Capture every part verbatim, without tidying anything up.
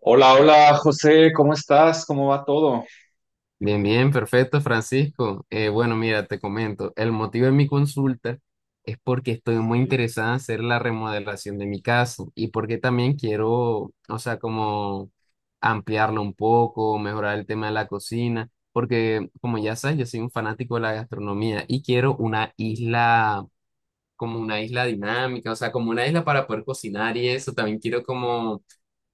Hola, hola, José, ¿cómo estás? ¿Cómo va todo? Bien, bien, perfecto, Francisco. Eh, bueno, mira, te comento, el motivo de mi consulta es porque estoy muy Sí, interesada en hacer la remodelación de mi casa y porque también quiero, o sea, como ampliarlo un poco, mejorar el tema de la cocina, porque como ya sabes, yo soy un fanático de la gastronomía y quiero una sí, isla, como una isla dinámica, o sea, como una isla para poder cocinar y eso, también quiero como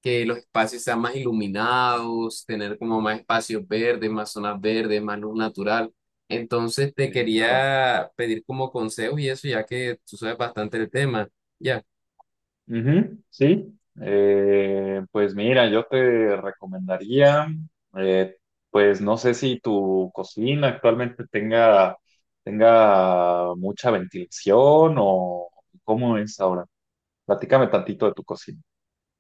que los espacios sean más iluminados, tener como más espacios verdes, más zonas verdes, más luz natural. Entonces te sí, claro. quería pedir como consejos y eso, ya que tú sabes bastante el tema, ya. Ujú, sí. Eh, pues mira, yo te recomendaría, eh, pues no sé si tu cocina actualmente tenga, tenga mucha ventilación o cómo es ahora. Platícame tantito de tu cocina.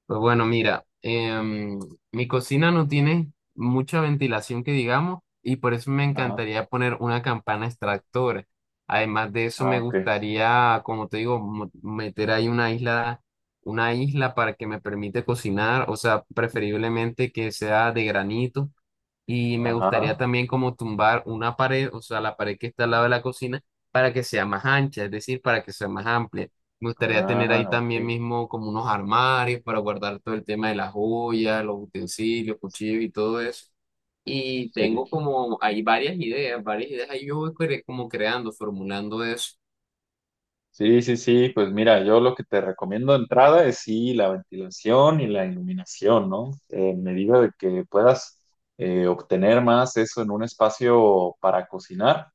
Pues bueno, mira, em, mi cocina no tiene mucha ventilación que digamos y por eso me Ajá, encantaría poner una campana extractora. Además de eso, ah, me ok. gustaría, como te digo, mo- meter ahí una isla, una isla para que me permite cocinar, o sea, preferiblemente que sea de granito y me gustaría Ajá, también como tumbar una pared, o sea, la pared que está al lado de la cocina, para que sea más ancha, es decir, para que sea más amplia. Me gustaría tener ah, ahí ok, también mismo como unos armarios para guardar todo el tema de las joyas, los utensilios, cuchillos y todo eso. Y tengo sí. como, hay varias ideas, varias ideas ahí yo voy cre- como creando, formulando eso. Sí, sí, sí, pues mira, yo lo que te recomiendo de entrada es sí la ventilación y la iluminación, ¿no? En medida de que puedas eh, obtener más eso en un espacio para cocinar,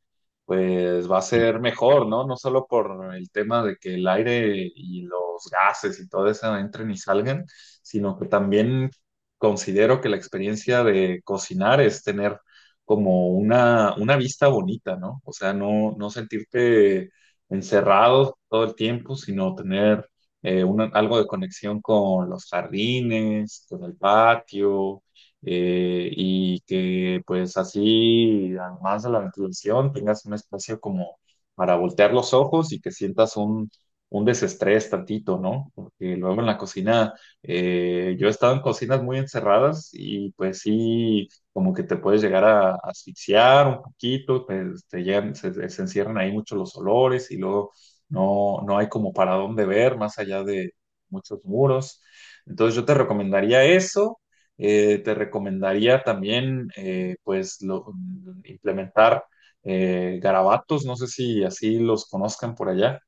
pues va a ser mejor, ¿no? No solo por el tema de que el aire y los gases y todo eso entren y salgan, sino que también considero que la experiencia de cocinar es tener como una, una vista bonita, ¿no? O sea, no, no sentirte encerrados todo el tiempo, sino tener eh, una- algo de conexión con los jardines, con el patio, eh, y que pues así, además de la ventilación, tengas un espacio como para voltear los ojos y que sientas un, un desestrés tantito, ¿no? Porque luego en la cocina, eh, yo he estado en cocinas muy encerradas y pues sí, como que te puedes llegar a asfixiar un poquito, pues, te llegan, se, se encierran ahí muchos los olores y luego no, no hay como para dónde ver más allá de muchos muros. Entonces yo te recomendaría eso, eh, te recomendaría también, eh, pues lo- implementar, eh, garabatos, no sé si así los conozcan por allá.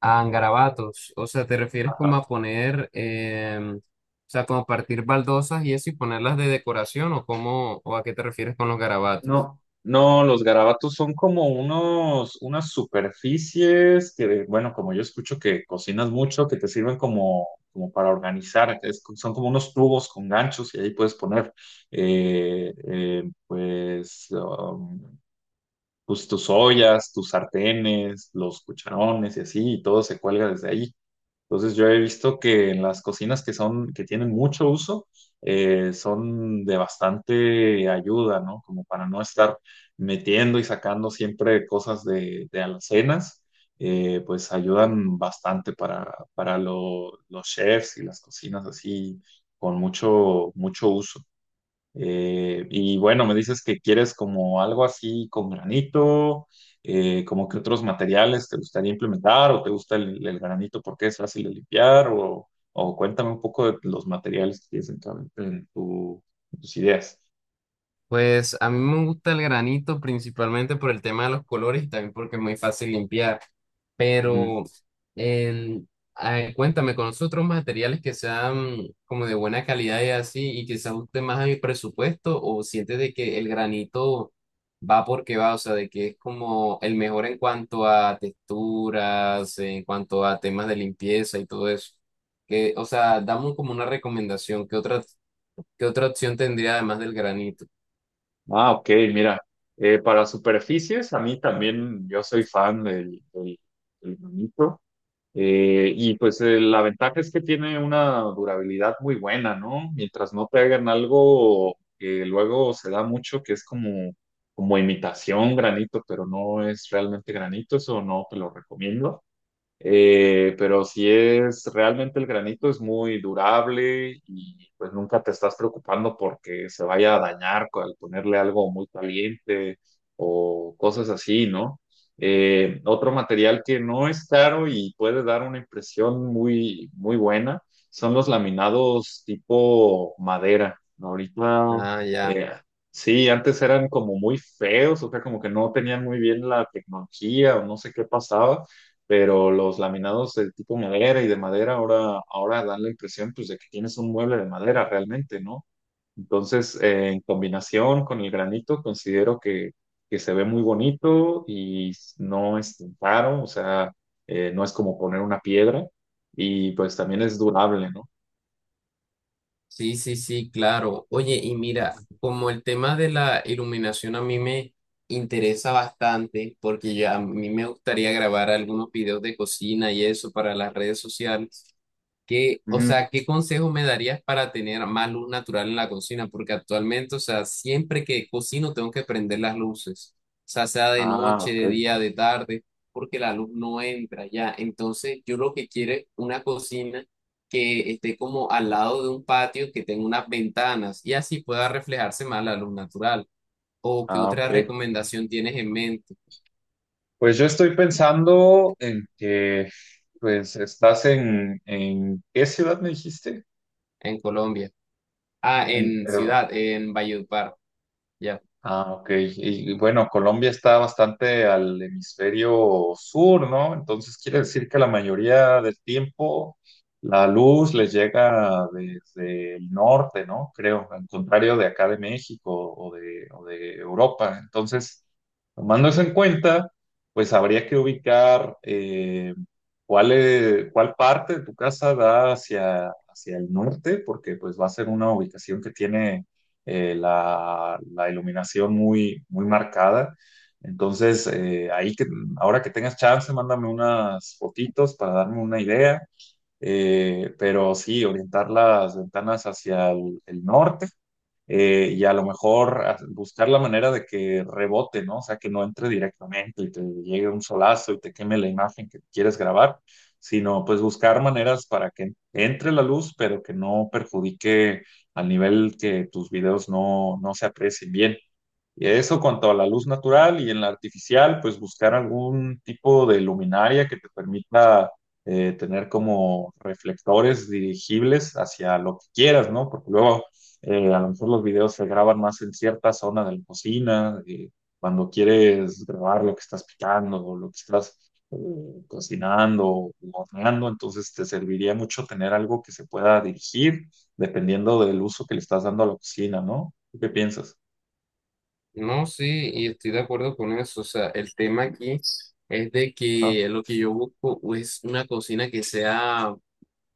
A garabatos, o sea, ¿te refieres como a poner, em, o sea, como a partir baldosas y eso y ponerlas de decoración o cómo, o a qué te refieres con los garabatos? No, no, los garabatos son como unos, unas superficies que, bueno, como yo escucho que cocinas mucho, que te sirven como, como, para organizar, es co- son como unos tubos con ganchos y ahí puedes poner, eh, eh, pues, um, pues, tus ollas, tus sartenes, los cucharones y así, y todo se cuelga desde ahí. Entonces yo he visto que en las cocinas que son, que tienen mucho uso, eh, son de bastante ayuda, ¿no? Como para no estar metiendo y sacando siempre cosas de, de alacenas, eh, pues ayudan bastante para, para lo- los chefs y las cocinas así, con mucho, mucho uso. Eh, y bueno, me dices que quieres como algo así con granito, eh, como que otros materiales te gustaría implementar o te gusta el, el granito porque es fácil de limpiar o, o cuéntame un poco de los materiales que tienes en, tu, en tu- en tus ideas. Pues a mí me gusta el granito principalmente por el tema de los colores y también porque es muy fácil limpiar. Ujú. Pero el, ah, cuéntame, ¿conoces otros materiales que sean como de buena calidad y así y que se ajusten más a mi presupuesto o sientes de que el granito va porque va? O sea, de que es como el mejor en cuanto a texturas, en cuanto a temas de limpieza y todo eso. Que, o sea, dame como una recomendación, ¿qué otra, qué otra opción tendría además del granito? Ah, ok, mira, eh, para superficies a mí también yo soy fan del, del, del granito. Eh, y pues, eh, la ventaja es que tiene una durabilidad muy buena, ¿no? Mientras no te hagan algo que luego se da mucho, que es como, como, imitación granito, pero no es realmente granito, eso no te lo recomiendo. Eh, pero si es realmente el granito es muy durable y pues nunca te estás preocupando porque se vaya a dañar, co- al ponerle algo muy caliente o cosas así, ¿no? Eh, otro material que no es caro y puede dar una impresión muy, muy buena son los laminados tipo madera. Ahorita, Ah, ya. eh, sí, antes eran como muy feos, o sea, como que no tenían muy bien la tecnología o no sé qué pasaba, pero los laminados de tipo madera y de madera ahora, ahora, dan la impresión pues de que tienes un mueble de madera realmente, ¿no? Entonces, eh, en combinación con el granito, considero que, que se ve muy bonito y no es tan caro, o sea, eh, no es como poner una piedra y pues también es durable, ¿no? Sí, sí, sí, claro. Oye, y mira, como el tema de la iluminación a mí me interesa bastante, porque ya a mí me gustaría grabar algunos videos de cocina y eso para las redes sociales. ¿Qué, o Ujú. sea, qué consejo me darías para tener más luz natural en la cocina? Porque actualmente, o sea, siempre que cocino tengo que prender las luces, o sea, sea de Ah, noche, de ok. día, de tarde, porque la luz no entra ya. Entonces, yo lo que quiero es una cocina que esté como al lado de un patio, que tenga unas ventanas y así pueda reflejarse más la luz natural. ¿O qué Ah, otra ok. recomendación tienes en mente Pues yo estoy pensando en que, pues, estás en, ¿en qué ciudad me dijiste? en Colombia? Ah, En, en Perú. ciudad, en Valledupar, ya. Ah, ok. Y, y bueno, Colombia está bastante al hemisferio sur, ¿no? Entonces quiere decir que la mayoría del tiempo la luz les llega desde el norte, ¿no? Creo, al contrario de acá de México o de, o de Europa. Entonces, tomando eso en cuenta, pues habría que ubicar, eh, cuál, es- cuál parte de tu casa da hacia, hacia el norte, porque pues va a ser una ubicación que tiene, eh, la, la iluminación muy, muy marcada. Entonces, eh, ahí que, ahora que tengas chance, mándame unas fotitos para darme una idea. Eh, pero sí, orientar las ventanas hacia el, el norte, eh, y a lo mejor a- buscar la manera de que rebote, ¿no? O sea, que no entre directamente y te llegue un solazo y te queme la imagen que quieres grabar, sino pues buscar maneras para que entre la luz, pero que no perjudique al nivel que tus videos no, no se aprecien bien. Y eso cuanto a la luz natural, y en la artificial, pues buscar algún tipo de luminaria que te permita, eh, tener como reflectores dirigibles hacia lo que quieras, ¿no? Porque luego, eh, a lo mejor los videos se graban más en cierta zona de la cocina, eh, cuando quieres grabar lo que estás picando o lo que estás, eh, cocinando o horneando, entonces te serviría mucho tener algo que se pueda dirigir dependiendo del uso que le estás dando a la cocina, ¿no? ¿Tú ¿Qué piensas? No, sí, y estoy de acuerdo con eso. O sea, el tema aquí es de Ajá, que lo que yo busco es una cocina que sea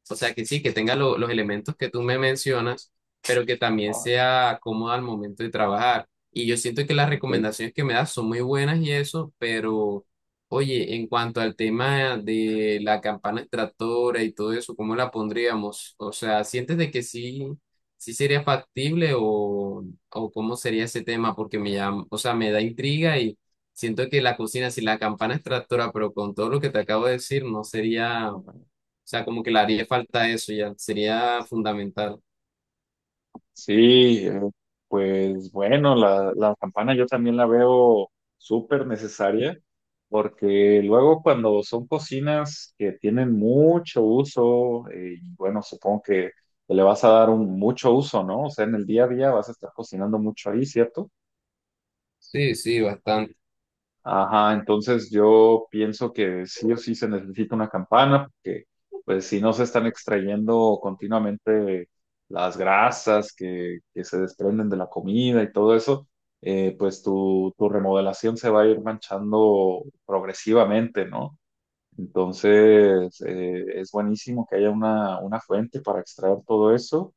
o sea, que sí, que tenga lo- los elementos que tú me mencionas, pero que también ajá, sea cómoda al momento de trabajar. Y yo siento que las ok, recomendaciones que me das son muy buenas y eso, pero oye, en cuanto al tema de la campana extractora y todo eso, ¿cómo la pondríamos? O sea, ¿sientes de que sí, sí sería factible o, o cómo sería ese tema? Porque me llama, o sea, me da intriga y siento que la cocina sin la campana extractora, pero con todo lo que te acabo de decir, no sería o ok. sea, como que le haría falta eso ya, sería fundamental. Sí, eh, pues bueno, la, la campana yo también la veo súper necesaria, porque luego cuando son cocinas que tienen mucho uso, eh, y bueno, supongo que le vas a dar un mucho uso, ¿no? O sea, en el día a día vas a estar cocinando mucho ahí, ¿cierto? Sí, sí, bastante. Ajá, entonces yo pienso que sí o sí se necesita una campana, porque pues si no se están extrayendo continuamente las grasas que, que se desprenden de la comida y todo eso, eh, pues tu, tu remodelación se va a ir manchando progresivamente, ¿no? Entonces, eh, es buenísimo que haya una, una fuente para extraer todo eso,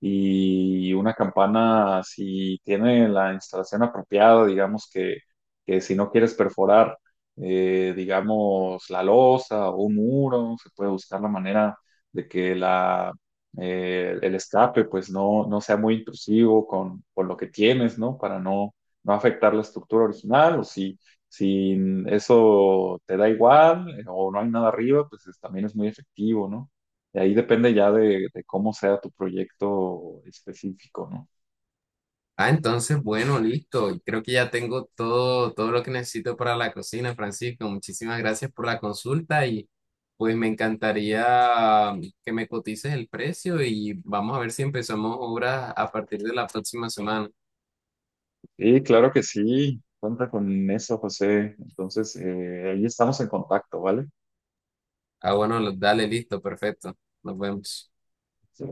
y una campana, si tiene la instalación apropiada, digamos que, que, si no quieres perforar, eh, digamos, la losa o un muro, se puede buscar la manera de que la, eh, el escape pues no, no sea muy intrusivo con, con lo que tienes, ¿no? Para no, no afectar la estructura original, o si... Si Eso te da igual, eh, o no hay nada arriba, pues es- también es muy efectivo, ¿no? De ahí depende ya de, de cómo sea tu proyecto específico, ¿no? Ah, entonces, bueno, listo. Creo que ya tengo todo, todo lo que necesito para la cocina, Francisco. Muchísimas gracias por la consulta y pues me encantaría que me cotices el precio y vamos a ver si empezamos obras a partir de la próxima semana. Sí, claro que sí. Cuenta con eso, José. Entonces, eh, ahí estamos en contacto, ¿vale? Ah, bueno, dale, listo, perfecto. Nos vemos. Sí.